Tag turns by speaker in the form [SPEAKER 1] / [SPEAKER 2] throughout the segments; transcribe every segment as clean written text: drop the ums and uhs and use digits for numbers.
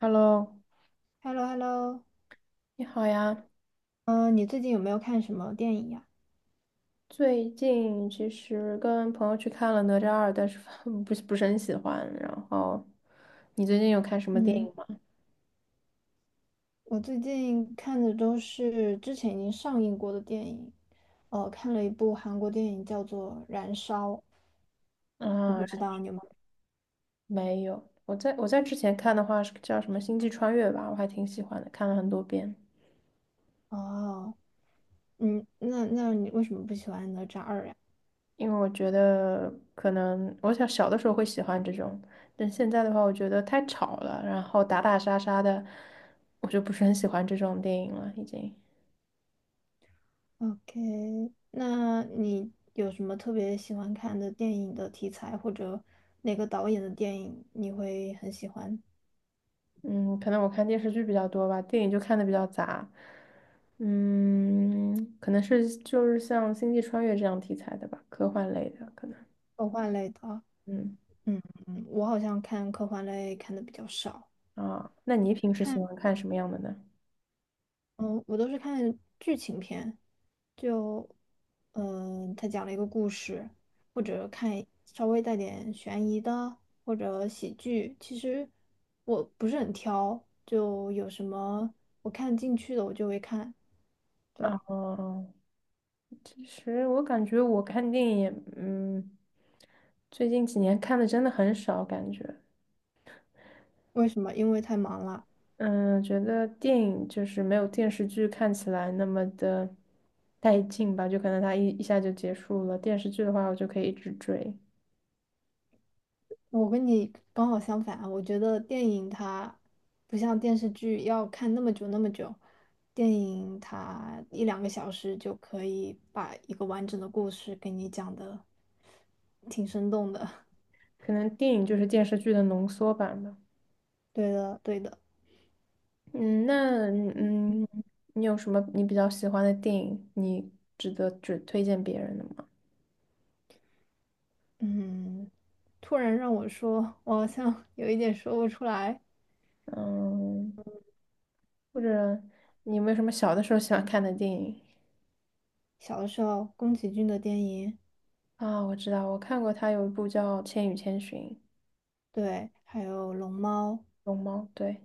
[SPEAKER 1] Hello，
[SPEAKER 2] h e l l o h e l l o
[SPEAKER 1] 你好呀。
[SPEAKER 2] 嗯，你最近有没有看什么电影呀？
[SPEAKER 1] 最近其实跟朋友去看了《哪吒二》，但是 不是很喜欢。然后，你最近有看什么电影
[SPEAKER 2] 嗯，
[SPEAKER 1] 吗？
[SPEAKER 2] 我最近看的都是之前已经上映过的电影，哦，看了一部韩国电影叫做《燃烧》，我
[SPEAKER 1] 啊，
[SPEAKER 2] 不知道你有没
[SPEAKER 1] 没有。我在之前看的话是叫什么《星际穿越》吧，我还挺喜欢的，看了很多遍。
[SPEAKER 2] 有。哦，那你为什么不喜欢哪吒二呀
[SPEAKER 1] 因为我觉得可能我想小的时候会喜欢这种，但现在的话，我觉得太吵了，然后打打杀杀的，我就不是很喜欢这种电影了，已经。
[SPEAKER 2] ？OK，那你有什么特别喜欢看的电影的题材，或者哪个导演的电影你会很喜欢？
[SPEAKER 1] 嗯，可能我看电视剧比较多吧，电影就看的比较杂。嗯，可能是就是像《星际穿越》这样题材的吧，科幻类的可能。
[SPEAKER 2] 科幻类的啊
[SPEAKER 1] 嗯
[SPEAKER 2] 嗯，我好像看科幻类看的比较少。
[SPEAKER 1] 啊，那你平时喜
[SPEAKER 2] 看。
[SPEAKER 1] 欢看什么样的呢？
[SPEAKER 2] 嗯，我都是看剧情片，就，他讲了一个故事，或者看稍微带点悬疑的，或者喜剧。其实我不是很挑，就有什么我看进去的我就会看。对，
[SPEAKER 1] 啊，其实我感觉我看电影也最近几年看的真的很少，感觉，
[SPEAKER 2] 为什么？因为太忙了。
[SPEAKER 1] 嗯，觉得电影就是没有电视剧看起来那么的带劲吧，就可能它一下就结束了，电视剧的话我就可以一直追。
[SPEAKER 2] 我跟你刚好相反啊，我觉得电影它不像电视剧要看那么久那么久，电影它一两个小时就可以把一个完整的故事给你讲的挺生动的。
[SPEAKER 1] 可能电影就是电视剧的浓缩版吧。
[SPEAKER 2] 对的，对的，
[SPEAKER 1] 嗯，那嗯，你有什么你比较喜欢的电影，你值得只推荐别人的吗？
[SPEAKER 2] 嗯，突然让我说，我好像 有一点说不出来。
[SPEAKER 1] 嗯，或者你有没有什么小的时候喜欢看的电影
[SPEAKER 2] 小的时候，宫崎骏的电影，
[SPEAKER 1] 啊？我知道，我看过他有一部叫《千与千寻》，
[SPEAKER 2] 对，还有《龙猫》，
[SPEAKER 1] 龙猫，对，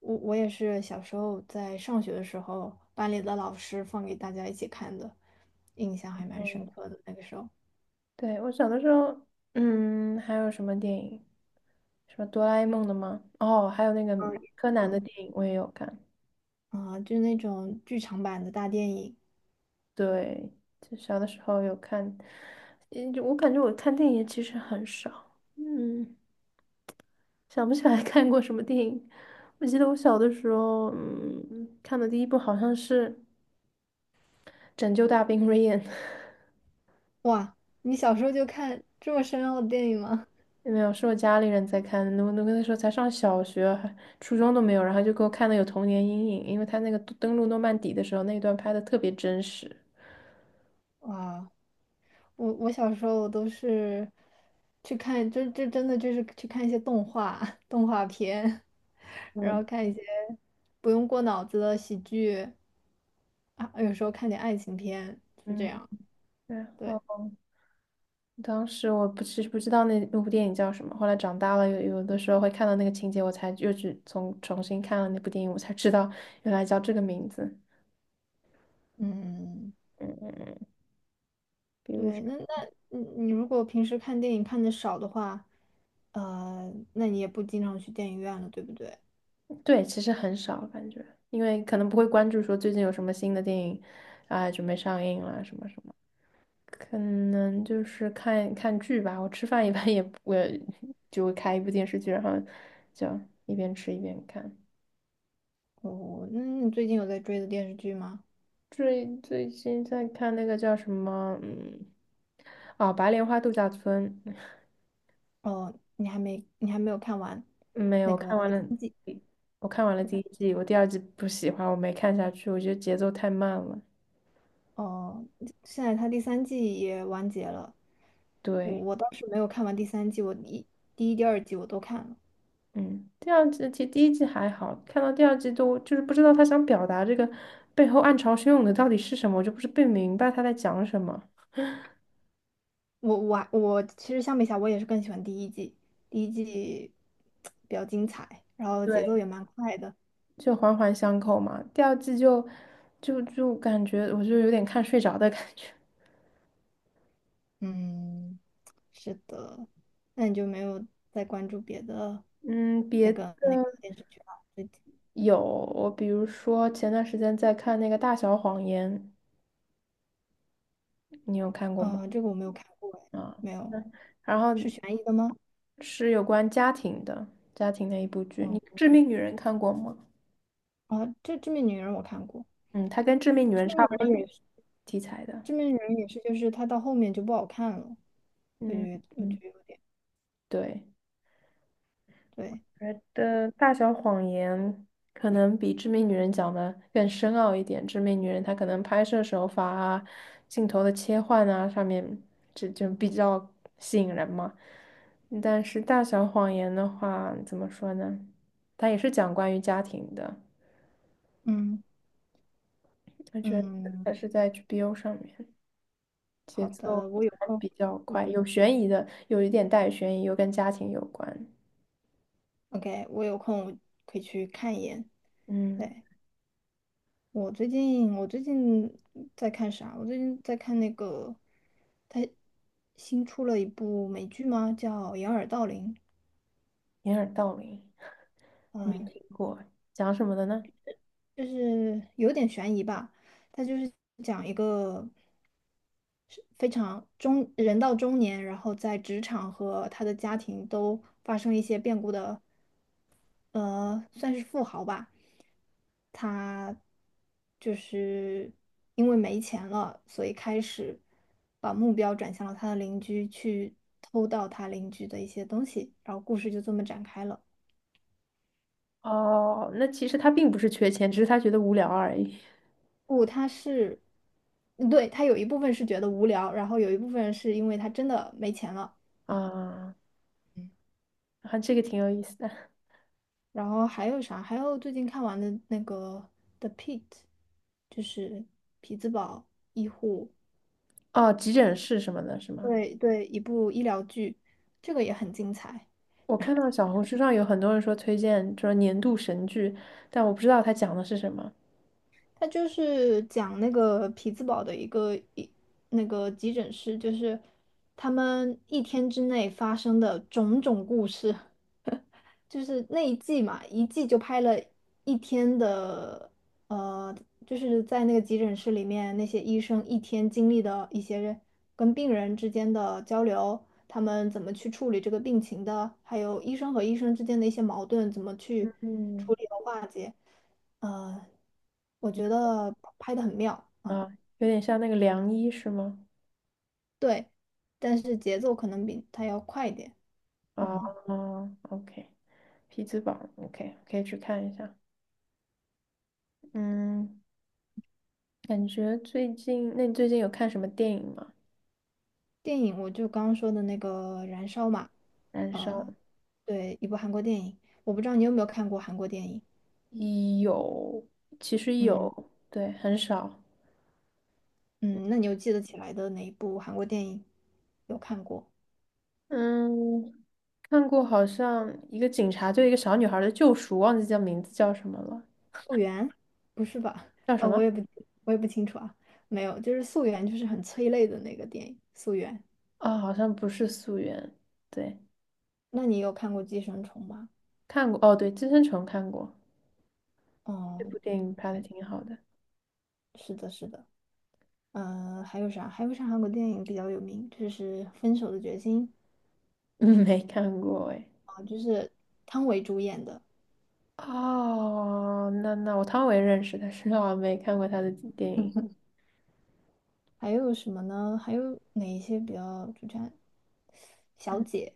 [SPEAKER 2] 我也是小时候在上学的时候，班里的老师放给大家一起看的，印象还蛮
[SPEAKER 1] 嗯，
[SPEAKER 2] 深刻的。那个时候，
[SPEAKER 1] 对，我小的时候，嗯，还有什么电影？什么哆啦 A 梦的吗？哦，还有那个
[SPEAKER 2] 二
[SPEAKER 1] 柯南的
[SPEAKER 2] 嗯，
[SPEAKER 1] 电影我也有看。
[SPEAKER 2] 嗯啊，就那种剧场版的大电影。
[SPEAKER 1] 对，就小的时候有看，嗯，就我感觉我看电影其实很少，嗯，想不起来 看过什么电影。我记得我小的时候，嗯，看的第一部好像是《拯救大兵瑞恩》，
[SPEAKER 2] 哇，你小时候就看这么深奥的电影吗？
[SPEAKER 1] 没有，是我家里人在看的。我那个时候才上小学，还初中都没有，然后就给我看的有童年阴影，因为他那个登陆诺曼底的时候那一段拍的特别真实。
[SPEAKER 2] 哇，我小时候都是去看，这真的就是去看一些动画 动画片，然
[SPEAKER 1] 对，
[SPEAKER 2] 后看一些不用过脑子的喜剧啊，有时候看点爱情片，是这
[SPEAKER 1] 嗯，
[SPEAKER 2] 样。
[SPEAKER 1] 然
[SPEAKER 2] 对。
[SPEAKER 1] 后。当时我不其实不知道那部电影叫什么，后来长大了有的时候会看到那个情节，我才又去重新看了那部电影，我才知道原来叫这个名字。
[SPEAKER 2] 嗯，
[SPEAKER 1] 嗯，嗯嗯，比如说，
[SPEAKER 2] 对，那你你如果平时看电影看的少的话，那你也不经常去电影院了，对不对？
[SPEAKER 1] 对，其实很少感觉，因为可能不会关注说最近有什么新的电影啊、准备上映了什么什么，可能就是看看剧吧。我吃饭一般我就会开一部电视剧，然后就一边吃一边看。
[SPEAKER 2] 那你最近有在追的电视剧吗？
[SPEAKER 1] 最近在看那个叫什么，嗯，哦，《白莲花度假村》，
[SPEAKER 2] 哦，你还没有看完
[SPEAKER 1] 没
[SPEAKER 2] 那
[SPEAKER 1] 有
[SPEAKER 2] 个
[SPEAKER 1] 看完
[SPEAKER 2] 第
[SPEAKER 1] 了，
[SPEAKER 2] 三季，
[SPEAKER 1] 我看完了
[SPEAKER 2] 对
[SPEAKER 1] 第一
[SPEAKER 2] 吧？
[SPEAKER 1] 季，我第二季不喜欢，我没看下去，我觉得节奏太慢了。
[SPEAKER 2] 哦，现在它第三季也完结了，我
[SPEAKER 1] 对，
[SPEAKER 2] 我倒是没有看完第三季，第一、第二季我都看了。
[SPEAKER 1] 嗯，第二季其实第一季还好，看到第二季都就是不知道他想表达这个背后暗潮汹涌的到底是什么，我就不是不明白他在讲什么。
[SPEAKER 2] 我其实相比下，我也是更喜欢第一季，第一季比较精彩，然后节奏
[SPEAKER 1] 对，
[SPEAKER 2] 也蛮快的。
[SPEAKER 1] 就环环相扣嘛。第二季就就感觉我就有点看睡着的感觉。
[SPEAKER 2] 嗯，是的。那你就没有再关注别的
[SPEAKER 1] 嗯，
[SPEAKER 2] 那
[SPEAKER 1] 别的
[SPEAKER 2] 个那个电视剧了？最近，
[SPEAKER 1] 有，我比如说前段时间在看那个《大小谎言》，你有看过吗？
[SPEAKER 2] 这个我没有看过，哎，
[SPEAKER 1] 啊，
[SPEAKER 2] 没有，
[SPEAKER 1] 那然后
[SPEAKER 2] 是悬疑的吗？
[SPEAKER 1] 是有关家庭的，家庭的一部剧。
[SPEAKER 2] 哦，
[SPEAKER 1] 你《致命女人》看过吗？
[SPEAKER 2] 啊，这《致命女人》我看过，
[SPEAKER 1] 嗯，它跟《致命女
[SPEAKER 2] 《致
[SPEAKER 1] 人》
[SPEAKER 2] 命
[SPEAKER 1] 差
[SPEAKER 2] 女
[SPEAKER 1] 不多
[SPEAKER 2] 人》也是，
[SPEAKER 1] 题材的。
[SPEAKER 2] 《致命女人》也是，就是它到后面就不好看了，我
[SPEAKER 1] 嗯
[SPEAKER 2] 觉得我觉
[SPEAKER 1] 嗯，
[SPEAKER 2] 得有点
[SPEAKER 1] 对。
[SPEAKER 2] 对，
[SPEAKER 1] 觉得《大小谎言》可能比《致命女人》讲的更深奥一点，《致命女人》她可能拍摄手法啊、镜头的切换啊上面就比较吸引人嘛。但是《大小谎言》的话，怎么说呢？它也是讲关于家庭的，
[SPEAKER 2] 嗯
[SPEAKER 1] 我觉得
[SPEAKER 2] 嗯，
[SPEAKER 1] 它是在 HBO 上面，节
[SPEAKER 2] 好
[SPEAKER 1] 奏
[SPEAKER 2] 的，我有
[SPEAKER 1] 还
[SPEAKER 2] 空，
[SPEAKER 1] 比较
[SPEAKER 2] 我
[SPEAKER 1] 快，
[SPEAKER 2] 就
[SPEAKER 1] 有悬疑的，有一点带悬疑，又跟家庭有关。
[SPEAKER 2] OK，我有空我可以去看一眼。
[SPEAKER 1] 嗯。
[SPEAKER 2] 对。我最近在看啥？我最近在看那个，他新出了一部美剧吗？叫《掩耳盗铃》。
[SPEAKER 1] 掩耳盗铃，没
[SPEAKER 2] 嗯，
[SPEAKER 1] 听过，讲什么的呢？
[SPEAKER 2] 就是有点悬疑吧。它就是讲一个是非常中人到中年，然后在职场和他的家庭都发生一些变故的算是富豪吧，他就是因为没钱了，所以开始把目标转向了他的邻居，去偷盗他邻居的一些东西，然后故事就这么展开了。
[SPEAKER 1] 哦，那其实他并不是缺钱，只是他觉得无聊而已。
[SPEAKER 2] 不，嗯对，他有一部分是觉得无聊，然后有一部分是因为他真的没钱了，
[SPEAKER 1] 啊，啊，这个挺有意思的。
[SPEAKER 2] 然后还有啥？还有最近看完的那个《The Pitt》，就是匹兹堡医护。
[SPEAKER 1] 哦，急诊室什么的，是吗？
[SPEAKER 2] 对对，一部医疗剧，这个也很精彩。
[SPEAKER 1] 我看到小红书上有很多人说推荐，说年度神剧，但我不知道它讲的是什么。
[SPEAKER 2] 它就是讲那个匹兹堡的一个那个急诊室，就是他们一天之内发生的种种故事。就是那一季嘛，一季就拍了一天的，呃，就是在那个急诊室里面，那些医生一天经历的一些跟病人之间的交流，他们怎么去处理这个病情的，还有医生和医生之间的一些矛盾，怎么去处
[SPEAKER 1] 嗯，
[SPEAKER 2] 理和化解，呃，我觉得拍的很妙
[SPEAKER 1] 啊，
[SPEAKER 2] 啊，
[SPEAKER 1] 有点像那个良医是吗？
[SPEAKER 2] 对，但是节奏可能比它要快一点，
[SPEAKER 1] 啊
[SPEAKER 2] 嗯。
[SPEAKER 1] ，OK，匹兹堡，OK，可以去看一下。嗯，感觉最近，那你最近有看什么电影吗？
[SPEAKER 2] 电影我就刚刚说的那个《燃烧》嘛，
[SPEAKER 1] 燃烧。
[SPEAKER 2] 呃，对，一部韩国电影，我不知道你有没有看过韩国电影，
[SPEAKER 1] 有，其实
[SPEAKER 2] 嗯
[SPEAKER 1] 有，对，很少。
[SPEAKER 2] 嗯，那你有记得起来的哪一部韩国电影有看过？
[SPEAKER 1] 嗯，看过好像一个警察对一个小女孩的救赎，忘记叫名字叫什么了，
[SPEAKER 2] 《素媛》？不是吧？
[SPEAKER 1] 叫什
[SPEAKER 2] 呃，我
[SPEAKER 1] 么？
[SPEAKER 2] 也不我也不清楚啊，没有，就是《素媛》就是很催泪的那个电影，《素媛》。
[SPEAKER 1] 啊、好像不是《素媛。对，
[SPEAKER 2] 那你有看过《寄生虫》吗？
[SPEAKER 1] 看过。哦，对，《寄生虫》看过，这
[SPEAKER 2] 哦，
[SPEAKER 1] 部电影拍的挺好的。
[SPEAKER 2] 是的，是的。嗯，还有啥？还有啥韩国电影比较有名？就是《分手的决心》
[SPEAKER 1] 嗯，没看过哎。
[SPEAKER 2] 啊，就是汤唯主演的。
[SPEAKER 1] 哦，那那我汤唯认识，但是 我没看过她的电影。
[SPEAKER 2] 还有什么呢？还有哪一些比较主样小
[SPEAKER 1] 嗯，
[SPEAKER 2] 姐，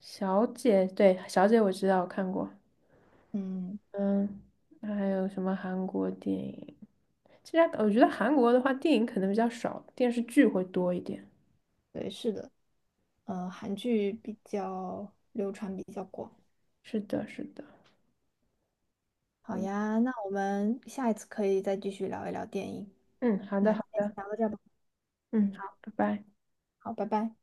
[SPEAKER 1] 小姐，对，小姐我知道，我看过。
[SPEAKER 2] 嗯，
[SPEAKER 1] 嗯，那还有什么韩国电影？其实我觉得韩国的话，电影可能比较少，电视剧会多一点。
[SPEAKER 2] 对，是的，韩剧比较流传比较广。
[SPEAKER 1] 是的，是的。
[SPEAKER 2] 好
[SPEAKER 1] 嗯
[SPEAKER 2] 呀，那我们下一次可以再继续聊一聊电影。
[SPEAKER 1] 嗯，好
[SPEAKER 2] 那
[SPEAKER 1] 的，好
[SPEAKER 2] 今天先
[SPEAKER 1] 的。
[SPEAKER 2] 聊到这儿吧。
[SPEAKER 1] 嗯，
[SPEAKER 2] 嗯，
[SPEAKER 1] 好，拜拜。
[SPEAKER 2] 好，拜拜。